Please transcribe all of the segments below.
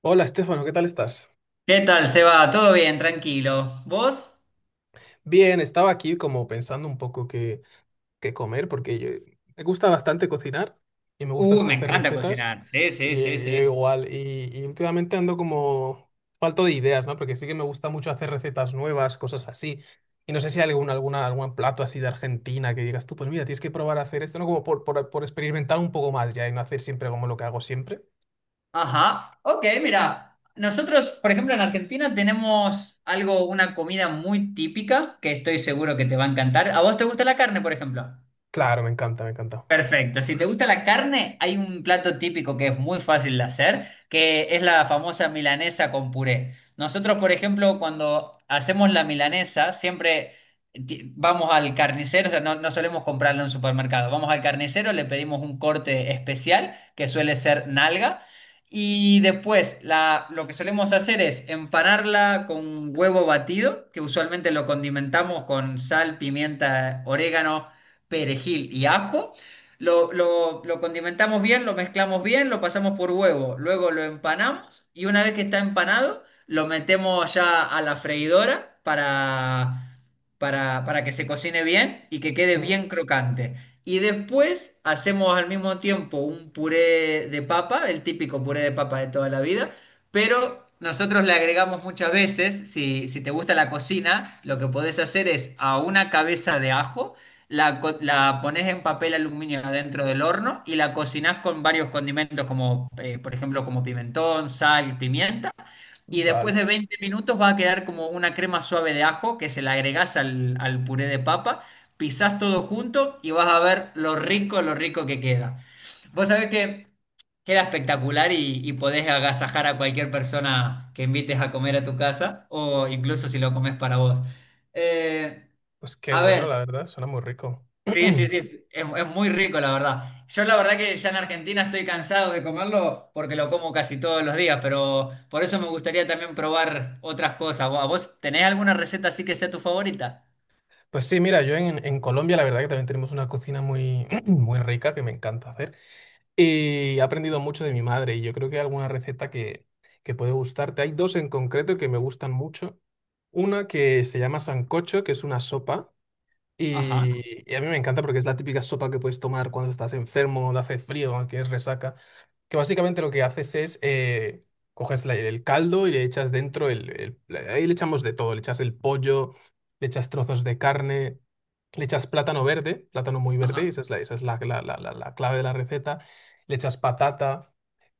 Hola, Estefano, ¿qué tal estás? ¿Qué tal, Seba? ¿Todo bien? Tranquilo. ¿Vos? Bien, estaba aquí como pensando un poco qué, qué comer, porque me gusta bastante cocinar y me gusta hasta Me hacer encanta recetas, cocinar. Sí, y sí, sí, yo sí. igual, y últimamente ando como falto de ideas, ¿no? Porque sí que me gusta mucho hacer recetas nuevas, cosas así, y no sé si hay algún, alguna, algún plato así de Argentina que digas tú, pues mira, tienes que probar a hacer esto, ¿no? Como por experimentar un poco más ya y no hacer siempre como lo que hago siempre. Ajá. Ok, mira. Nosotros, por ejemplo, en Argentina tenemos algo, una comida muy típica que estoy seguro que te va a encantar. ¿A vos te gusta la carne, por ejemplo? Claro, me encanta, me encanta. Perfecto. Si te gusta la carne, hay un plato típico que es muy fácil de hacer, que es la famosa milanesa con puré. Nosotros, por ejemplo, cuando hacemos la milanesa, siempre vamos al carnicero, o sea, no, no solemos comprarla en un supermercado. Vamos al carnicero, le pedimos un corte especial, que suele ser nalga, y después lo que solemos hacer es empanarla con huevo batido, que usualmente lo condimentamos con sal, pimienta, orégano, perejil y ajo. Lo condimentamos bien, lo mezclamos bien, lo pasamos por huevo, luego lo empanamos y una vez que está empanado, lo metemos ya a la freidora para, para que se cocine bien y que quede Mm. bien crocante. Y después hacemos al mismo tiempo un puré de papa, el típico puré de papa de toda la vida, pero nosotros le agregamos muchas veces, si te gusta la cocina, lo que podés hacer es a una cabeza de ajo. La pones en papel aluminio adentro del horno y la cocinas con varios condimentos como, por ejemplo, como pimentón, sal, pimienta. Y después Vale, de 20 minutos va a quedar como una crema suave de ajo que se la agregás al puré de papa, pisás todo junto y vas a ver lo rico que queda. Vos sabés que queda espectacular y podés agasajar a cualquier persona que invites a comer a tu casa o incluso si lo comes para vos. Eh, pues qué a bueno, ver. la verdad, suena muy rico. Sí, sí, sí, es muy rico, la verdad. Yo la verdad que ya en Argentina estoy cansado de comerlo porque lo como casi todos los días, pero por eso me gustaría también probar otras cosas. ¿Vos tenés alguna receta así que sea tu favorita? Pues sí, mira, yo en Colombia la verdad que también tenemos una cocina muy, muy rica que me encanta hacer y he aprendido mucho de mi madre y yo creo que hay alguna receta que puede gustarte. Hay dos en concreto que me gustan mucho. Una que se llama sancocho, que es una sopa Ajá, y, y a mí me encanta porque es la típica sopa que puedes tomar cuando estás enfermo, cuando hace frío, cuando tienes resaca que básicamente lo que haces es coges el caldo y le echas dentro ahí le echamos de todo, le echas el pollo, le echas trozos de carne, le echas plátano verde, plátano muy verde, ajá, esa es la, esa es la clave de la receta, le echas patata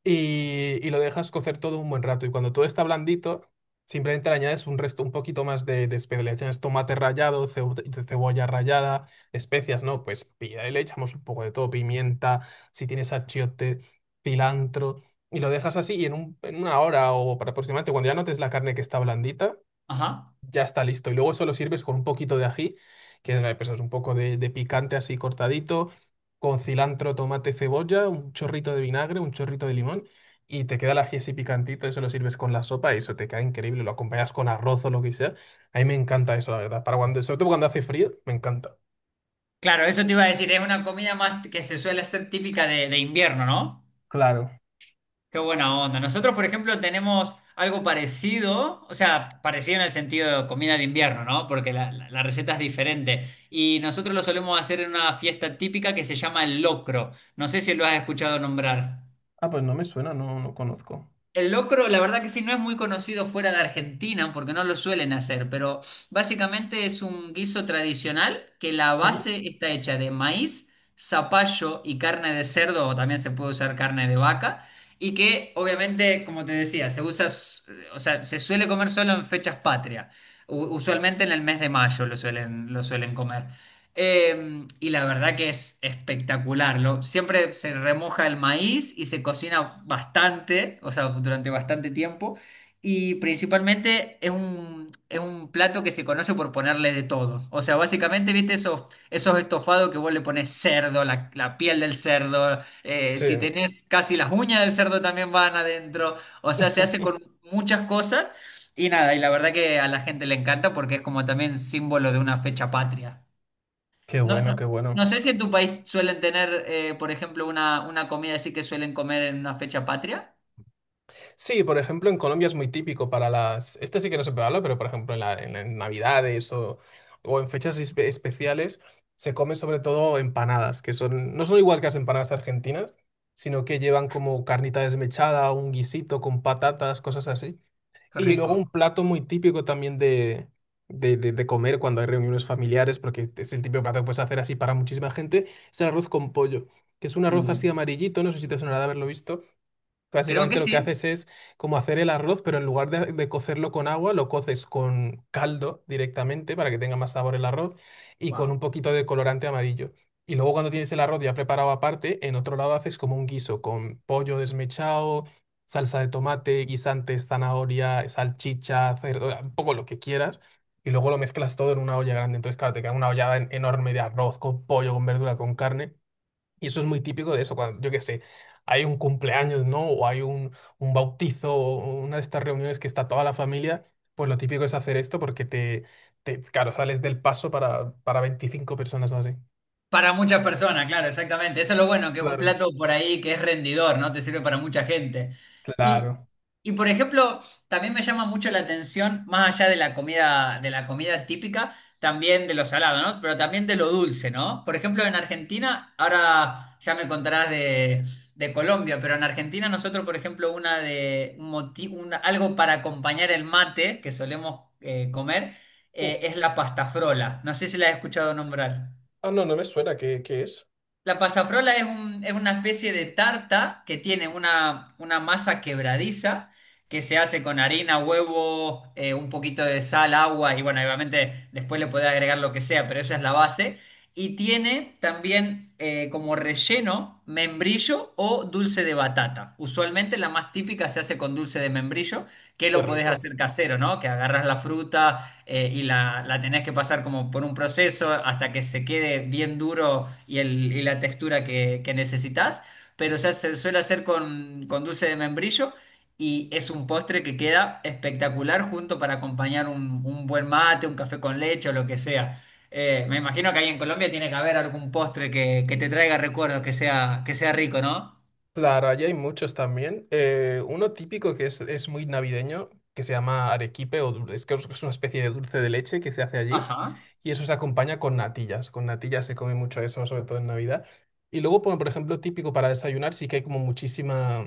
y lo dejas cocer todo un buen rato. Y cuando todo está blandito, simplemente le añades un resto, un poquito más de especia. Le añades tomate rallado, cebolla rallada, especias, ¿no? Pues pilla y le echamos un poco de todo, pimienta, si tienes achiote, cilantro, y lo dejas así y en en una hora o para aproximadamente, cuando ya notes la carne que está blandita, ajá. ya está listo. Y luego eso lo sirves con un poquito de ají, que es pues, es un poco de picante así cortadito, con cilantro, tomate, cebolla, un chorrito de vinagre, un chorrito de limón, y te queda el ají así picantito, eso lo sirves con la sopa y eso te queda increíble. Lo acompañas con arroz o lo que sea. A mí me encanta eso, la verdad. Para cuando, sobre todo cuando hace frío, me encanta. Claro, eso te iba a decir, es una comida más que se suele hacer típica de invierno, ¿no? Claro. Qué buena onda. Nosotros, por ejemplo, tenemos algo parecido, o sea, parecido en el sentido de comida de invierno, ¿no? Porque la receta es diferente. Y nosotros lo solemos hacer en una fiesta típica que se llama el locro. No sé si lo has escuchado nombrar. Ah, pues no me suena, no, no conozco. El locro, la verdad que sí, no es muy conocido fuera de Argentina porque no lo suelen hacer, pero básicamente es un guiso tradicional que la Mm. base está hecha de maíz, zapallo y carne de cerdo, o también se puede usar carne de vaca, y que obviamente, como te decía, o sea, se suele comer solo en fechas patrias, usualmente en el mes de mayo lo suelen comer. Y la verdad que es espectacular, lo siempre se remoja el maíz y se cocina bastante, o sea, durante bastante tiempo. Y principalmente es es un plato que se conoce por ponerle de todo. O sea, básicamente, esos estofados que vos le pones cerdo, la piel del cerdo? Eh, Sí, si tenés casi las uñas del cerdo también van adentro. O sea, se hace con muchas cosas. Y nada, y la verdad que a la gente le encanta porque es como también símbolo de una fecha patria. qué No, bueno, no, qué no bueno. sé si en tu país suelen tener, por ejemplo, una comida así que suelen comer en una fecha patria. Sí, por ejemplo, en Colombia es muy típico para las... Este sí que no se puede hablar, pero por ejemplo en, en Navidades o en fechas especiales se comen sobre todo empanadas, que son no son igual que las empanadas argentinas, sino que llevan como carnita desmechada, un guisito con patatas, cosas así. Qué Y luego rico. un plato muy típico también de, de comer cuando hay reuniones familiares, porque es el típico plato que puedes hacer así para muchísima gente, es el arroz con pollo, que es un arroz Uh, así amarillito, no sé si te sonará de haberlo visto. creo que Básicamente lo que sí. haces es como hacer el arroz, pero en lugar de cocerlo con agua, lo coces con caldo directamente para que tenga más sabor el arroz y con Wow. un poquito de colorante amarillo. Y luego cuando tienes el arroz ya preparado aparte, en otro lado haces como un guiso con pollo desmechado, salsa de tomate, guisantes, zanahoria, salchicha, cerdo, un poco lo que quieras. Y luego lo mezclas todo en una olla grande. Entonces, claro, te queda una ollada enorme de arroz con pollo, con verdura, con carne. Y eso es muy típico de eso, cuando, yo qué sé, hay un cumpleaños, ¿no? O hay un bautizo, o una de estas reuniones que está toda la familia, pues lo típico es hacer esto porque te claro, sales del paso para 25 personas o así. Para muchas personas, claro, exactamente. Eso es lo bueno, que es un Claro. plato por ahí que es rendidor, ¿no? Te sirve para mucha gente. Y, Claro. y por ejemplo, también me llama mucho la atención, más allá de la comida típica, también de lo salado, ¿no? Pero también de lo dulce, ¿no? Por ejemplo, en Argentina, ahora ya me contarás de Colombia, pero en Argentina nosotros, por ejemplo, una de un moti- una- algo para acompañar el mate que solemos comer, Mm. Es la pastafrola. No sé si la has escuchado nombrar. Ah, no, no me suena, ¿qué, qué es? La pastafrola es una especie de tarta que tiene una masa quebradiza que se hace con harina, huevo, un poquito de sal, agua y bueno, obviamente después le puede agregar lo que sea, pero esa es la base. Y tiene también como relleno membrillo o dulce de batata. Usualmente la más típica se hace con dulce de membrillo, que Qué lo podés rico. hacer casero, ¿no? Que agarras la fruta, y la tenés que pasar como por un proceso hasta que se quede bien duro y la textura que necesitas, pero ya se suele hacer con dulce de membrillo y es un postre que queda espectacular junto para acompañar un buen mate, un café con leche o lo que sea. Me imagino que ahí en Colombia tiene que haber algún postre que te traiga recuerdos, que sea rico, ¿no? Claro, allí hay muchos también. Uno típico que es muy navideño, que se llama arequipe, o es que es una especie de dulce de leche que se hace allí, Ajá, y eso se acompaña con natillas. Con natillas se come mucho eso, sobre todo en Navidad. Y luego, por ejemplo, típico para desayunar, sí que hay como muchísima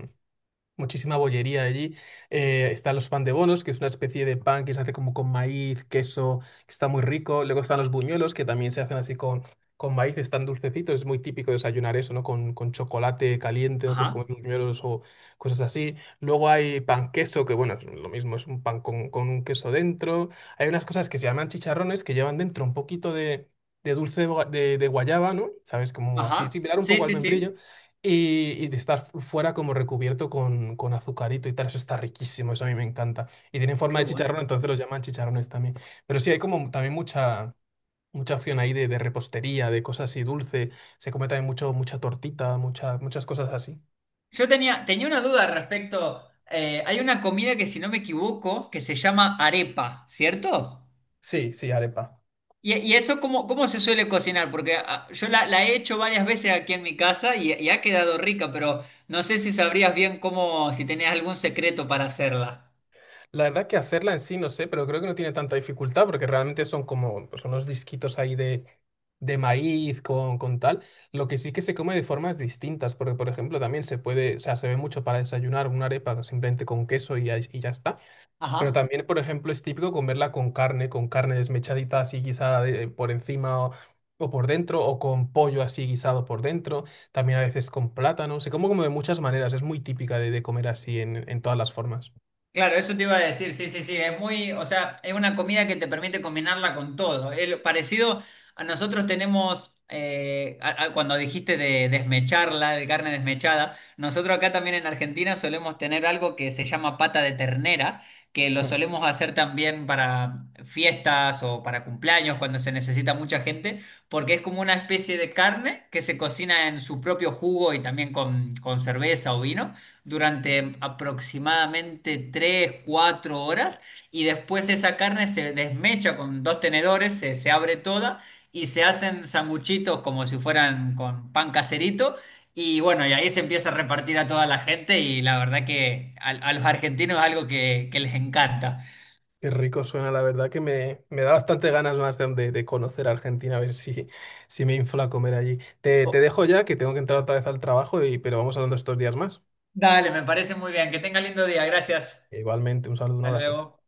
muchísima bollería allí. Están los pan de bonos, que es una especie de pan que se hace como con maíz, queso, que está muy rico. Luego están los buñuelos, que también se hacen así con maíz, están dulcecitos. Es muy típico desayunar eso, ¿no? Con chocolate caliente, ¿no? Pues comer ajá, buñuelos o cosas así. Luego hay pan queso, que bueno, es lo mismo, es un pan con un queso dentro. Hay unas cosas que se llaman chicharrones, que llevan dentro un poquito de dulce de, de guayaba, ¿no? ¿Sabes? Como así, ajá. similar un Sí, poco al sí, membrillo, sí. Y de estar fuera como recubierto con azucarito y tal, eso está riquísimo, eso a mí me encanta. Y tienen forma Qué de bueno. chicharrón, entonces los llaman chicharrones también. Pero sí, hay como también mucha, mucha opción ahí de repostería, de cosas así dulce. Se come también mucho, mucha tortita, muchas cosas así. Tenía una duda respecto. Eh, hay una comida que, si no me equivoco, que se llama arepa, ¿cierto? Sí, sí, arepa. ¿Y eso cómo, cómo se suele cocinar? Porque yo la he hecho varias veces aquí en mi casa y ha quedado rica, pero no sé si sabrías bien cómo, si tenías algún secreto para hacerla. La verdad que hacerla en sí no sé, pero creo que no tiene tanta dificultad porque realmente son como pues, unos disquitos ahí de maíz con tal. Lo que sí que se come de formas distintas, porque por ejemplo también se puede, o sea, se ve mucho para desayunar una arepa simplemente con queso y ya está. Pero Ajá. también, por ejemplo, es típico comerla con carne desmechadita así guisada por encima o por dentro, o con pollo así guisado por dentro, también a veces con plátano. Se come como de muchas maneras, es muy típica de comer así en todas las formas. Claro, eso te iba a decir, sí, sí, sí, es muy, o sea, es una comida que te permite combinarla con todo. El, parecido a nosotros tenemos, cuando dijiste de desmecharla, de carne desmechada, nosotros acá también en Argentina solemos tener algo que se llama pata de ternera, que lo solemos hacer también para fiestas o para cumpleaños cuando se necesita mucha gente, porque es como una especie de carne que se cocina en su propio jugo y también con cerveza o vino durante aproximadamente 3 4 horas y después esa carne se desmecha con dos tenedores, se abre toda y se hacen sanguchitos como si fueran con pan caserito y bueno, y ahí se empieza a repartir a toda la gente y la verdad que a los argentinos es algo que les encanta. Qué rico suena, la verdad que me da bastante ganas más de, de conocer Argentina, a ver si, si me infla a comer allí. Te Oh, dejo ya, que tengo que entrar otra vez al trabajo, y, pero vamos hablando estos días más. Dale, me parece muy bien, que tenga lindo día, gracias. Igualmente, un saludo, un Hasta abrazo. luego.